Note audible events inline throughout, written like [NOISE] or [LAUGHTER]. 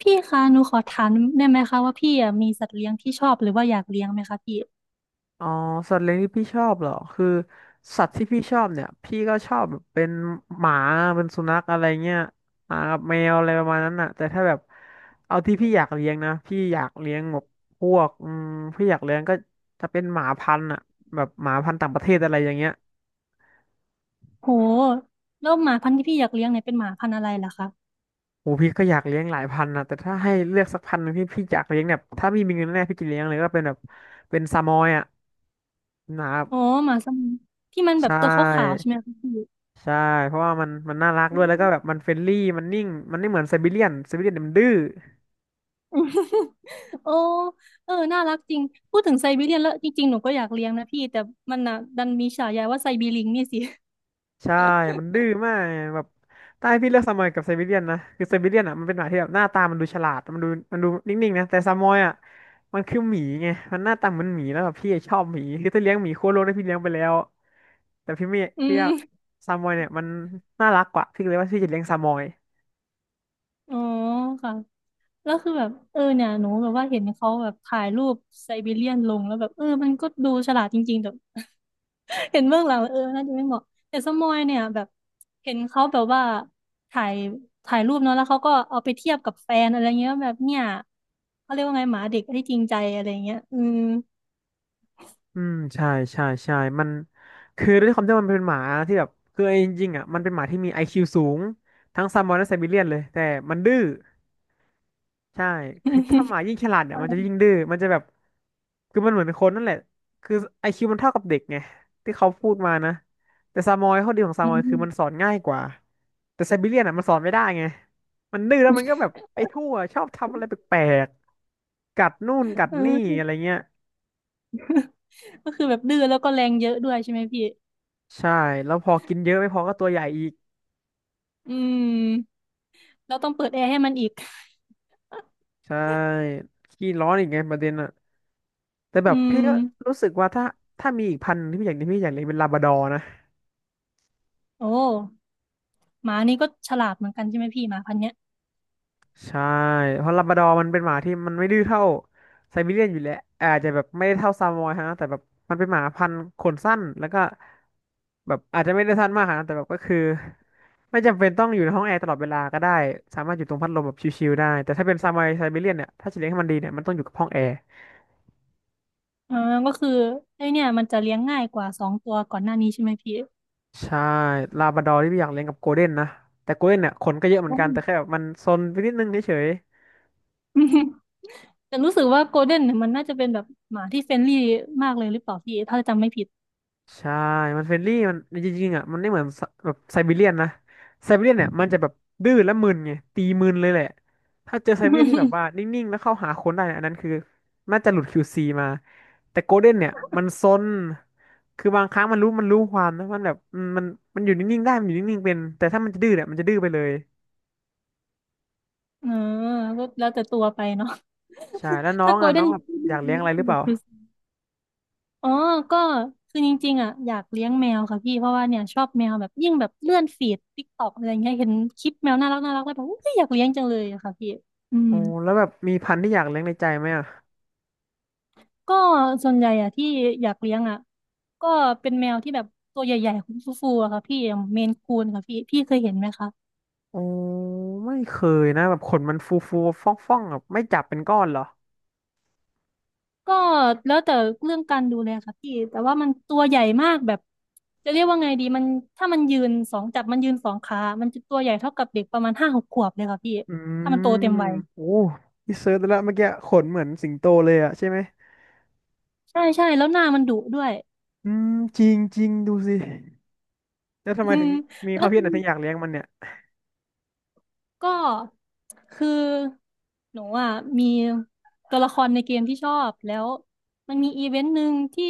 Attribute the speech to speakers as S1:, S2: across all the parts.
S1: พี่คะหนูขอถามได้ไหมคะว่าพี่อะมีสัตว์เลี้ยงที่ชอบหรือว่าอยากเลี้ยงไหมคะพี่
S2: อ๋อสัตว์เลี้ยงที่พี่ชอบเหรอคือสัตว์ที่พี่ชอบเนี่ยพี่ก็ชอบแบบเป็นหมาเป็นสุนัขอะไรเงี้ยหมากับแมวอะไรประมาณนั้นน่ะแต่ถ้าแบบเอาที่พี่อยากเลี้ยงนะพี่อยากเลี้ยงแบบพวกพี่อยากเลี้ยงก็จะเป็นหมาพันธุ์อ่ะแบบหมาพันธุ์ต่างประเทศอะไรอย่างเงี้ย
S1: โหแล้วหมาพันธุ์ที่พี่อยากเลี้ยงเนี่ยเป็นหมาพันธุ์อะไรล่ะคะ
S2: โอ้พี่ก็อยากเลี้ยงหลายพันธุ์นะแต่ถ้าให้เลือกสักพันธุ์หนึ่งที่พี่อยากเลี้ยงเนี่ยถ้ามีเงินแน่พี่จะเลี้ยงเลยก็เป็นแบบเป็นซามอยอ่ะนะครับ
S1: อ๋อหมาสมิงที่มัน
S2: ใช
S1: แบบตัวขาวๆใช่
S2: ่
S1: ไหมคะพี่
S2: ใช่เพราะว่ามันน่ารักด้วยแล้วก็แบบมันเฟรนลี่มันนิ่งมันไม่เหมือนไซบีเรียนไซบีเรียนมันดื้อ
S1: [LAUGHS] โอ้เออน่ารักจริงพูดถึงไซบีเรียนแล้วจริงๆหนูก็อยากเลี้ยงนะพี่แต่มันน่ะดันมีฉายาว่าไซบีลิงนี่สิ [LAUGHS]
S2: ใช่มันดื้อมากแบบถ้าให้พี่เลือกซามอยกับไซบีเรียนนะคือไซบีเรียนอ่ะมันเป็นหมาที่แบบหน้าตามันดูฉลาดมันดูนิ่งๆนะแต่ซามอยอ่ะมันคือหมีไงมันหน้าตาเหมันหมีแล้วแบบพี่ชอบหมีคือถ้าเลี้ยงหมีโคโลกได้พี่เลี้ยงไปแล้วแต่พี่ไม่
S1: อื
S2: พี่ว่า
S1: ม
S2: ซามอยเนี่ยมันน่ารักกว่าพี่เลยว่าพี่จะเลี้ยงซามอย
S1: อ๋อค่ะแล้วคือแบบเนี่ยหนูแบบว่าเห็นเขาแบบถ่ายรูปไซบีเรียนลงแล้วแบบเออมันก็ดูฉลาดจริงๆแต่ เห็นเบื้องหลังแล้วเออน่าจะไม่เหมาะแต่สมอยเนี่ยแบบเห็นเขาแบบว่าถ่ายถ่ายรูปเนาะแล้วเขาก็เอาไปเทียบกับแฟนอะไรเงี้ยแบบเนี่ยเขาเรียกว่าไงหมาเด็กที่จริงใจอะไรเงี้ยอืม
S2: อืมใช่ใช่ใช่มันคือด้วยความที่มันเป็นหมาที่แบบคือเอาจริงๆอ่ะมันเป็นหมาที่มีไอคิวสูงทั้งซามบอนและไซบีเรียนเลยแต่มันดื้อใช่คือถ้าห
S1: [LAUGHS]
S2: มายิ่งฉลาดเนี่ยมันจะยิ่งดื้อมันจะแบบคือมันเหมือนคนนั่นแหละคือไอคิวมันเท่ากับเด็กไงที่เขาพูดมานะแต่ซามอยข้อดีของซา
S1: อื
S2: มอยคือมันสอ
S1: ม
S2: นง่ายกว่าแต่ไซบีเรียนอ่ะมันสอนไม่ได้ไงมันดื้อแล้วมันก็แบบไปทั่วชอบทำอะไรแปลกๆกัดนู่นกัด
S1: อื
S2: นี่
S1: ม
S2: อะไรเงี้ย
S1: ก็คือแบบดื้อแล้วก็แรงเยอะด้วยใช่ไหมพี่
S2: ใช่แล้วพอกินเยอะไม่พอก็ตัวใหญ่อีก
S1: อืมแล้วต้องเปิดแอร์ให้มันอีก
S2: ใช่ขี้ร้อนอีกไงประเด็นอะแต่แบ
S1: อื
S2: บพี่
S1: ม
S2: ก็รู้สึกว่าถ้ามีอีกพันธุ์ที่พี่อยากเลี้ยงพี่อยากเลี้ยงเป็นลาบราดอร์นะ
S1: โอ้หมานี่ก็ฉลาดเหมือนกันใช่ไหมพี่หมาพันธุ์เนี้ย
S2: ใช่ เพราะลาบราดอร์มันเป็นหมาที่มันไม่ดื้อเท่าไซบีเรียนอยู่แล้วอาจจะแบบไม่ได้เท่าซามอยฮะแต่แบบมันเป็นหมาพันธุ์ขนสั้นแล้วก็แบบอาจจะไม่ได้สั้นมากฮนะแต่แบบก็คือไม่จำเป็นต้องอยู่ในห้องแอร์ตลอดเวลาก็ได้สามารถอยู่ตรงพัดลมแบบชิลๆได้แต่ถ้าเป็นซามอยไซบีเรียนเนี่ยถ้าจะเลี้ยงให้มันดีเนี่ยมันต้องอยู่กับห้องแอร์
S1: อ่าก็คือไอเนี่ยมันจะเลี้ยงง่ายกว่าสองตัวก่อนหน้านี้ใช่ไหมพี่
S2: ใช่ลาบราดอร์ที่พี่อยากเลี้ยงกับโกลเด้นนะแต่โกลเด้นเนี่ยขนก็เยอะเหมือนกันแต่แค่
S1: อื
S2: แบบมันซนไปนิดนึงเฉย
S1: ม แต่รู้สึกว่าโกลเด้นเนี่ยมันน่าจะเป็นแบบหมาที่เฟรนลี่มากเลยหรือเปล่าพี่ถ้าจำไม่ผิด
S2: ๆใช่มันเฟรนลี่มันจริงๆอ่ะมันไม่เหมือนสแบบไซบีเรียนนะไซบีเรียนเนี่ยมันจะแบบดื้อและมึนไงตีมึนเลยแหละถ้าเจอไซบีเรียนที่แบบ
S1: [LAUGHS]
S2: ว่านิ่งๆแล้วเข้าหาคนได้เนี่ยอันนั้นคือน่าจะหลุด QC มาแต่โกลเด้นเนี่ยมันซนคือบางครั้งมันรู้ความนะมันแบบมันอยู่นิ่งๆได้มันอยู่นิ่งๆเป็นแต่ถ้ามันจะดื้อเนี่ยมันจะดื้อไปเลย
S1: เออก็แล้วแต่ตัวไปเนาะ
S2: ใช่แล้ว
S1: [LAUGHS]
S2: น้อ
S1: ถ้า
S2: ง
S1: โก
S2: อ่ะ
S1: ลเด้
S2: น้อ
S1: น
S2: งแบบอยากเลี้ยงอะไรหรือเปล่า
S1: อ๋อก็คือจริงๆอ่ะอยากเลี้ยงแมวค่ะพี่เพราะว่าเนี่ยชอบแมวแบบยิ่งแบบเลื่อนฟีดติ๊กต็อกอะไรเงี้ยเห็นคลิปแมวน่ารักน่ารักแล้วแบบอุ๊ยอยากเลี้ยงจังเลยอะค่ะพี่อืม
S2: อ๋อแล้วแบบมีพันธุ์ที่อยากเลี้ยงในใจไหมอ่ะ
S1: ก็ส่วนใหญ่อ่ะที่อยากเลี้ยงอ่ะก็เป็นแมวที่แบบตัวใหญ่ๆฟูๆอะค่ะพี่อย่างเมนคูนค่ะพี่พี่เคยเห็นไหมคะ
S2: อ๋อไม่เคยนะแบบขนมันฟูฟูฟ่องฟ่องๆแบบไม่จับเป็นก้อนเหรอ
S1: ก็แล้วแต่เรื่องการดูแลค่ะพี่แต่ว่ามันตัวใหญ่มากแบบจะเรียกว่าไงดีมันถ้ามันยืนสองจับมันยืนสองขามันจะตัวใหญ่เท่ากับเด็กประมาณห้าหกขวบเลยค่ะพี่
S2: อื
S1: ถ้ามันโตเต็
S2: ม
S1: มวัย
S2: โอ้พี่เซิร์ชดแล้วเมื่อกี้ขนเหมือนสิงโตเลยอ่ะใช่ไหม
S1: ใช่ใช่แล้วหน้ามันดุด้วย
S2: อืมจริงจริงดูสิแล้วทำ
S1: อื
S2: ไมถึ
S1: ม
S2: งมีค
S1: แล้
S2: วาม
S1: ว
S2: คิดอะไรถึงอยากเลี้ยงมันเนี่ย
S1: ก็คือหนูอ่ะมีตัวละครในเกมที่ชอบแล้วมันมีอีเวนต์หนึ่งที่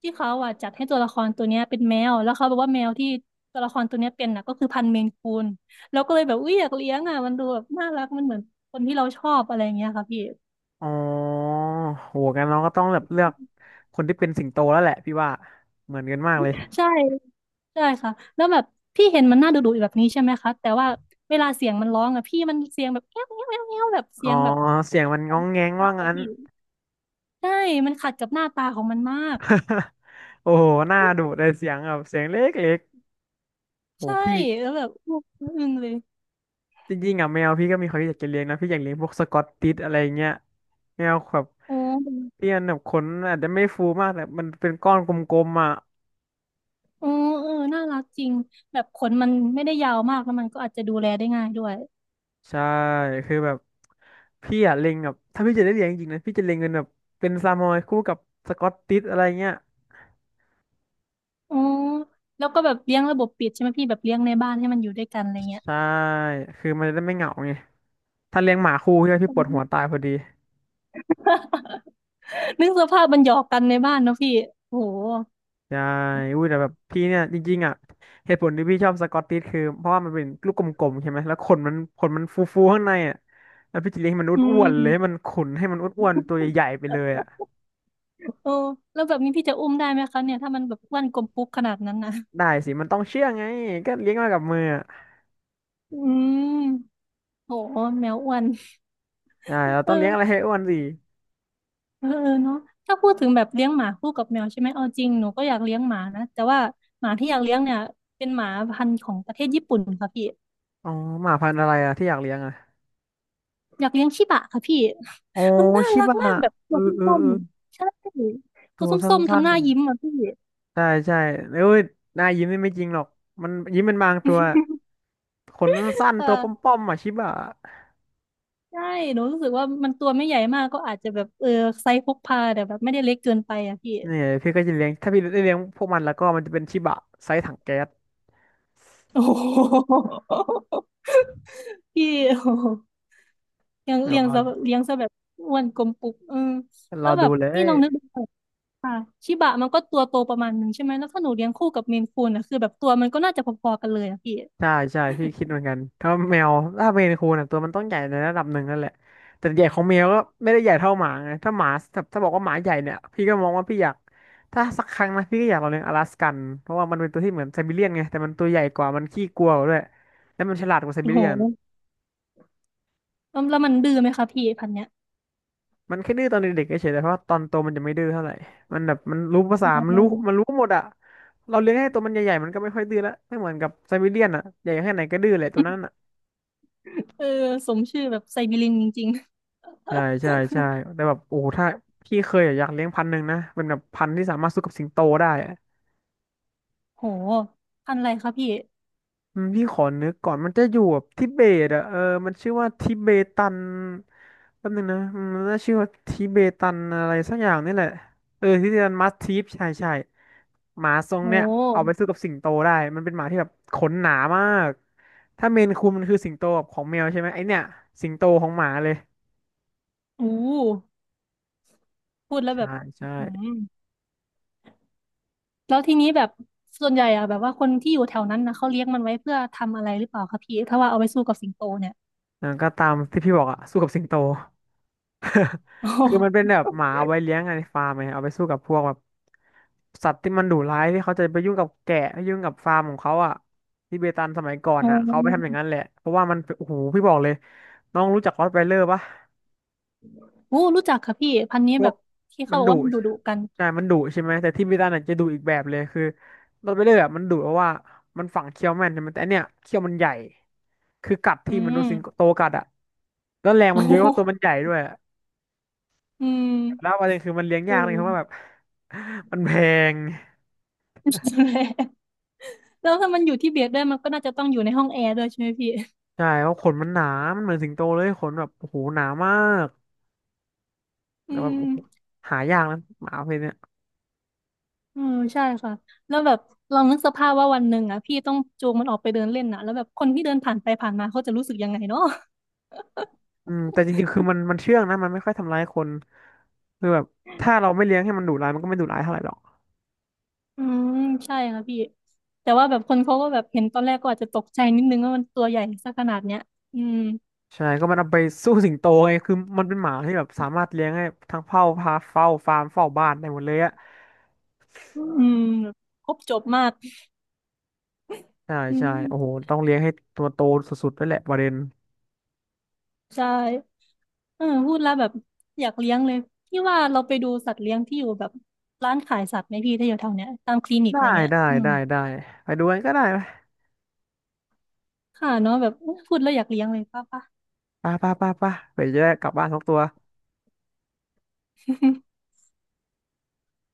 S1: เขาอ่ะจัดให้ตัวละครตัวเนี้ยเป็นแมวแล้วเขาบอกว่าแมวที่ตัวละครตัวเนี้ยเป็นน่ะก็คือพันธุ์เมนคูนแล้วก็เลยแบบอุ้ยอยากเลี้ยงอ่ะมันดูแบบน่ารักมันเหมือนคนที่เราชอบอะไรอย่างเงี้ยค่ะพี่
S2: อ๋อโหกันน้องก็ต้องแบบเลือกคนที่เป็นสิงโตแล้วแหละพี่ว่าเหมือนกันมากเลย
S1: ใช่ใช่ค่ะแล้วแบบพี่เห็นมันน่าดุดุแบบนี้ใช่ไหมคะแต่ว่าเวลาเสียงมันร้องอ่ะพี่มันเสียงแบบแง้วแง้วแง้วแง้วแบบเสี
S2: อ๋อ
S1: ยงแบบ
S2: เสียงมันง้องแง้งว่า
S1: มากกว่า
S2: งั้น
S1: พี่ ใช่มันขัดกับหน้าตาของมันมาก
S2: [LAUGHS] โอ้โหหน้าดุเลยเสียงแบบเสียงเล็กๆโอ้
S1: ใช่
S2: พี่
S1: แล้วแบบอึ้งเลย
S2: จริงๆอ่ะแมวพี่ก็มีความคิดอยากจะเลี้ยงนะพี่อยากเลี้ยงพวกสกอตติชอะไรเงี้ยแมวแบบ
S1: โอ้
S2: พี่อันแบบขนอาจจะไม่ฟูมากแต่มันเป็นก้อนกลมๆอ่ะ
S1: โอ้เออน่ารักจริงแบบขนมันไม่ได้ยาวมากแล้วมันก็อาจจะดูแลได้ง่ายด้วย
S2: ใช่คือแบบพี่อ่ะเล็งแบบถ้าพี่จะได้เลี้ยงจริงๆนะพี่จะเล็งเป็นแบบเป็นซามอยคู่กับสกอตติชอะไรเงี้ย
S1: อ๋อแล้วก็แบบเลี้ยงระบบปิดใช่ไหมพี่แบบเลี้ยงในบ้านให้มันอยู่ด้วยกันอะไรเงี้ย
S2: ใช่คือมันจะได้ไม่เหงาไงถ้าเลี้ยงหมาคู่ใช่ไหม
S1: [LAUGHS] อื
S2: พี่ปวด
S1: ม
S2: หัวตายพอดี
S1: [LAUGHS] นึกสภาพมันหยอกกันในบ้านเนอะพี่โอ้โห
S2: ใช่อุ้ยแต่แบบพี่เนี่ยจริงๆอ่ะเหตุผลที่พี่ชอบสกอตติชคือเพราะว่ามันเป็นลูกกลมๆใช่ไหมแล้วขนมันฟูๆข้างในอ่ะแล้วพี่จะเลี้ยงให้มัน
S1: อื
S2: อ้วนๆเลยให้มัน
S1: ม
S2: ขนให้มันอ้วนๆตัวใหญ่ๆไปเลยอ่ะ
S1: โอ้แล้วแบบนี้พี่จะอุ้มได้ไหมคะเนี่ยถ้ามันแบบอ้วนกลมปุ๊กขนาดนั้นนะ
S2: ได้สิมันต้องเชื่องไงก็เลี้ยงมากับมืออ่ะ
S1: อืมโหแมวอ้วน
S2: ได้เรา
S1: เอ
S2: ต้องเลี้ยงอะไร
S1: อ
S2: ให้อ้วนสิ
S1: เออเออเนาะถ้าพูดถึงแบบเลี้ยงหมาคู่กับแมวใช่ไหมเอาจริงหนูก็อยากเลี้ยงหมานะแต่ว่าหมาที่อยากเลี้ยงเนี่ยเป็นหมาพันธุ์ของประเทศญี่ปุ่นค่ะพี่
S2: อ๋อหมาพันธุ์อะไรอ่ะที่อยากเลี้ยงอ่ะ
S1: อยากเลี้ยงชิบะค่ะพี่
S2: อ๋อ
S1: [LAUGHS] มันน่า
S2: ชิ
S1: รัก
S2: บะ
S1: มากแบบ
S2: เอ
S1: ตั
S2: อ
S1: วส
S2: เออ
S1: ้
S2: เอ
S1: ม
S2: อ
S1: ๆใช่ตั
S2: ตั
S1: ว
S2: วสั
S1: ส้มๆ
S2: ้
S1: ทำ
S2: น
S1: หน้ายิ้มอ่ะพี่
S2: ๆใช่ใช่เอ้ยหน้ายิ้มนี่ไม่จริงหรอกมันยิ้มเป็นบางตัวขนสั้นๆตัวป
S1: เออ
S2: ้อมๆอ่ะชิบะ
S1: ใช่หนูรู้สึกว่ามันตัวไม่ใหญ่มากก็อาจจะแบบเออไซส์พกพาแต่แบบไม่ได้เล็กเกินไปอ่ะพี่ [LAUGHS]
S2: เนี่ยพี่ก็จะเลี้ยงถ้าพี่ได้เลี้ยงพวกมันแล้วก็มันจะเป็นชิบะไซส์ถังแก๊ส
S1: โอ้โหพี่โอ้โหเลี้ยง
S2: เดี๋ยว
S1: เลี้ยง
S2: รอ
S1: ซะเลี้ยงซะแบบอ้วนกลมปุกเออ
S2: ร
S1: แล้
S2: อ
S1: วแบ
S2: ดู
S1: บ
S2: เล
S1: พี่
S2: ย
S1: ลองนึกดู ค่ะชิบะมันก็ตัวโตประมาณหนึ่งใช่ไหมแล้วถ้าหนูเลี้ยงคู่กับเมนคูนอ่ะคือแบบตัวมันก็น่าจะพอๆกันเลยอะพี่
S2: ใช่ใช่พี่คิดเหมือนกันถ้าแมวถ้าเมนคูนอ่ะตัวมันต้องใหญ่ในระดับหนึ่งนั่นแหละแต่ใหญ่ของแมวก็ไม่ได้ใหญ่เท่าหมาไงถ้าหมาถ้าบอกว่าหมาใหญ่เนี่ยพี่ก็มองว่าพี่อยากถ้าสักครั้งนะพี่ก็อยากลองเลี้ยงอลาสกันเพราะว่ามันเป็นตัวที่เหมือนไซบีเรียนไงแต่มันตัวใหญ่กว่ามันขี้กลัวกว่าด้วยแล้วมันฉลาดกว่าไซ
S1: โอ้
S2: บี
S1: โห
S2: เรียน
S1: แล้วแล้วมันดื้อไหมคะพี่พันธุ์เนี้ย
S2: มันแค่ดื้อตอนเด็กๆเฉยๆแต่เพราะว่าตอนโตมันจะไม่ดื้อเท่าไหร่ มันแบบมันรู้ภาษามันรู้มัน
S1: ออ
S2: รู้หมดอะเราเลี้ยงให้ตัวมันใหญ่ๆมันก็ไม่ค่อยดื้อละไม่เหมือนกับไซบีเรียนอะใหญ่แค่ไหนก็ดื้อแหละตัวนั้นอะ
S1: เออสมชื่อแบบไซบีเรินจริง
S2: ใช่ใช่ใช่แต่แบบโอ้โหถ้าพี่เคยอะอยากเลี้ยงพันธุ์หนึ่งนะ เป็นแบบพันธุ์ที่สามารถสู้กับสิงโตได้อะ
S1: ๆโหพันธุ์อะไรคะพี่
S2: พี่ขอนึกก่อนมันจะอยู่แบบทิเบตอ่ะเออมันชื่อว่าทิเบตันแป๊บนึงนะมันน่าชื่อว่าทิเบตันอะไรสักอย่างนี่แหละเออทิเบตันมัสทีฟใช่ใช่หมาทร
S1: โ
S2: งเนี้ยเอาไป
S1: ห
S2: สู้กับสิงโตได้มันเป็นหมาที่แบบขนหนามากถ้าเมนคูนมันคือสิงโตแบบของแมวใช่ไหมไอเนี้ยสิงโตของหมาเลย
S1: อู้พูดแล้วแบ
S2: ใช่
S1: บ
S2: ใช่
S1: อื้อหือแล้วทีนี้แบบส่วนใหญ่อะแบบว่าคนที่อยู่แถวนั้นนะเขาเลี้ยงมันไว้เพื่อทำอะไรหรือเปล่าคะพี่ถ้าว่าเอาไปสู้กับสิงโตเนี่ย
S2: อ่าก็ตามที่พี่บอกอ่ะสู้กับสิงโต
S1: โอ้โห
S2: คือมันเป็นแบบหมาเอาไว้เลี้ยงอะในฟาร์มไงเอาไปสู้กับพวกแบบสัตว์ที่มันดุร้ายที่เขาจะไปยุ่งกับแกะไปยุ่งกับฟาร์มของเขาอ่ะทิเบตันสมัยก่อน
S1: โ
S2: อ่ะเขาไปทำอ
S1: อ
S2: ย่างนั้นแหละเพราะว่ามันโอ้โหพี่บอกเลยน้องรู้จักรอตไวเลอร์ปะ
S1: โหรู้จักค่ะพี่พันธุ์นี้
S2: พว
S1: แบ
S2: ก
S1: บที่
S2: มั
S1: เขา
S2: น
S1: บอก
S2: ดุ
S1: ว่ามันดุๆกัน
S2: ใช่มันดุใช่ไหมแต่ทิเบตันอ่ะจะดุอีกแบบเลยคือรอตไวเลอร์อะมันดุเพราะว่ามันฝังเขี้ยวแม่นใช่ไหมแต่อันเนี้ยเขี้ยวมันใหญ่คือกัด
S1: อื
S2: ที่มันโดนสิง
S1: ม
S2: โตกัดอ่ะแล้วแรงมั
S1: โอ้
S2: นเยอะ
S1: โห
S2: เพราะตัวมันใหญ่ด้วย
S1: อืม
S2: แล้วประเด็นคือมันเลี้ยง
S1: [LAUGHS] เอื
S2: ยากเล
S1: ม
S2: ยครับว่าแบบ [LAUGHS] มันแพง
S1: นั่นแหละแล้วถ้ามันอยู่ที่เบียดด้วยมันก็น่าจะต้องอยู่ในห้องแอร์ด้วยใช่ไหมพี่
S2: ใช่เพราะขนมันหนามันเหมือนสิงโตเลยขนแบบโอ้โหหนามาก
S1: อื
S2: แต่แบบ
S1: ม
S2: โอ้โหหายากนะหมาประเพศเนี้ย
S1: อืมใช่ค่ะแล้วแบบลองนึกสภาพว่าวันหนึ่งอ่ะพี่ต้องจูงมันออกไปเดินเล่นน่ะแล้วแบบคนที่เดินผ่านไปผ่านมาเขาจะรู้สึกยังไงเนาะ
S2: แต่จริงๆคือมันเชื่องนะมันไม่ค่อยทำร้ายคนคือแบบถ้าเราไม่เลี้ยงให้มันดุร้ายมันก็ไม่ดุร้ายเท่าไหร่หรอก
S1: อืมใช่ค่ะพี่แต่ว่าแบบคนเขาก็แบบเห็นตอนแรกก็อาจจะตกใจนิดนึงว่ามันตัวใหญ่ซะขนาดเนี้ยอืม
S2: ใช่ก็มันเอาไปสู้สิงโตไงคือมันเป็นหมาที่แบบสามารถเลี้ยงให้ทั้งเฝ้าพาเฝ้าฟาร์มเฝ้าบ้านได้หมดเลยอะ
S1: อืมแบบครบจบมาก
S2: ใช่
S1: อื
S2: ใช่
S1: ม
S2: โอ้โหต้องเลี้ยงให้ตัวโตสุดๆด้วยแหละประเด็น
S1: ใช่ เออพูดแล้วแบบอยากเลี้ยงเลยพี่ว่าเราไปดูสัตว์เลี้ยงที่อยู่แบบร้านขายสัตว์ไหมพี่ถ้าอยู่แถวเนี้ยตามคลินิก
S2: ได้
S1: อะไรเงี้ย
S2: ได้
S1: อืม
S2: ได้ได้ไปดูกันก็ได้ไหม
S1: ค่ะเนาะแบบพูดแล้วอยากเลี้ยงเลยป้าป้า
S2: ป่ะป่ะป่ะปะเปยจะได้กลับบ้านทุกตัว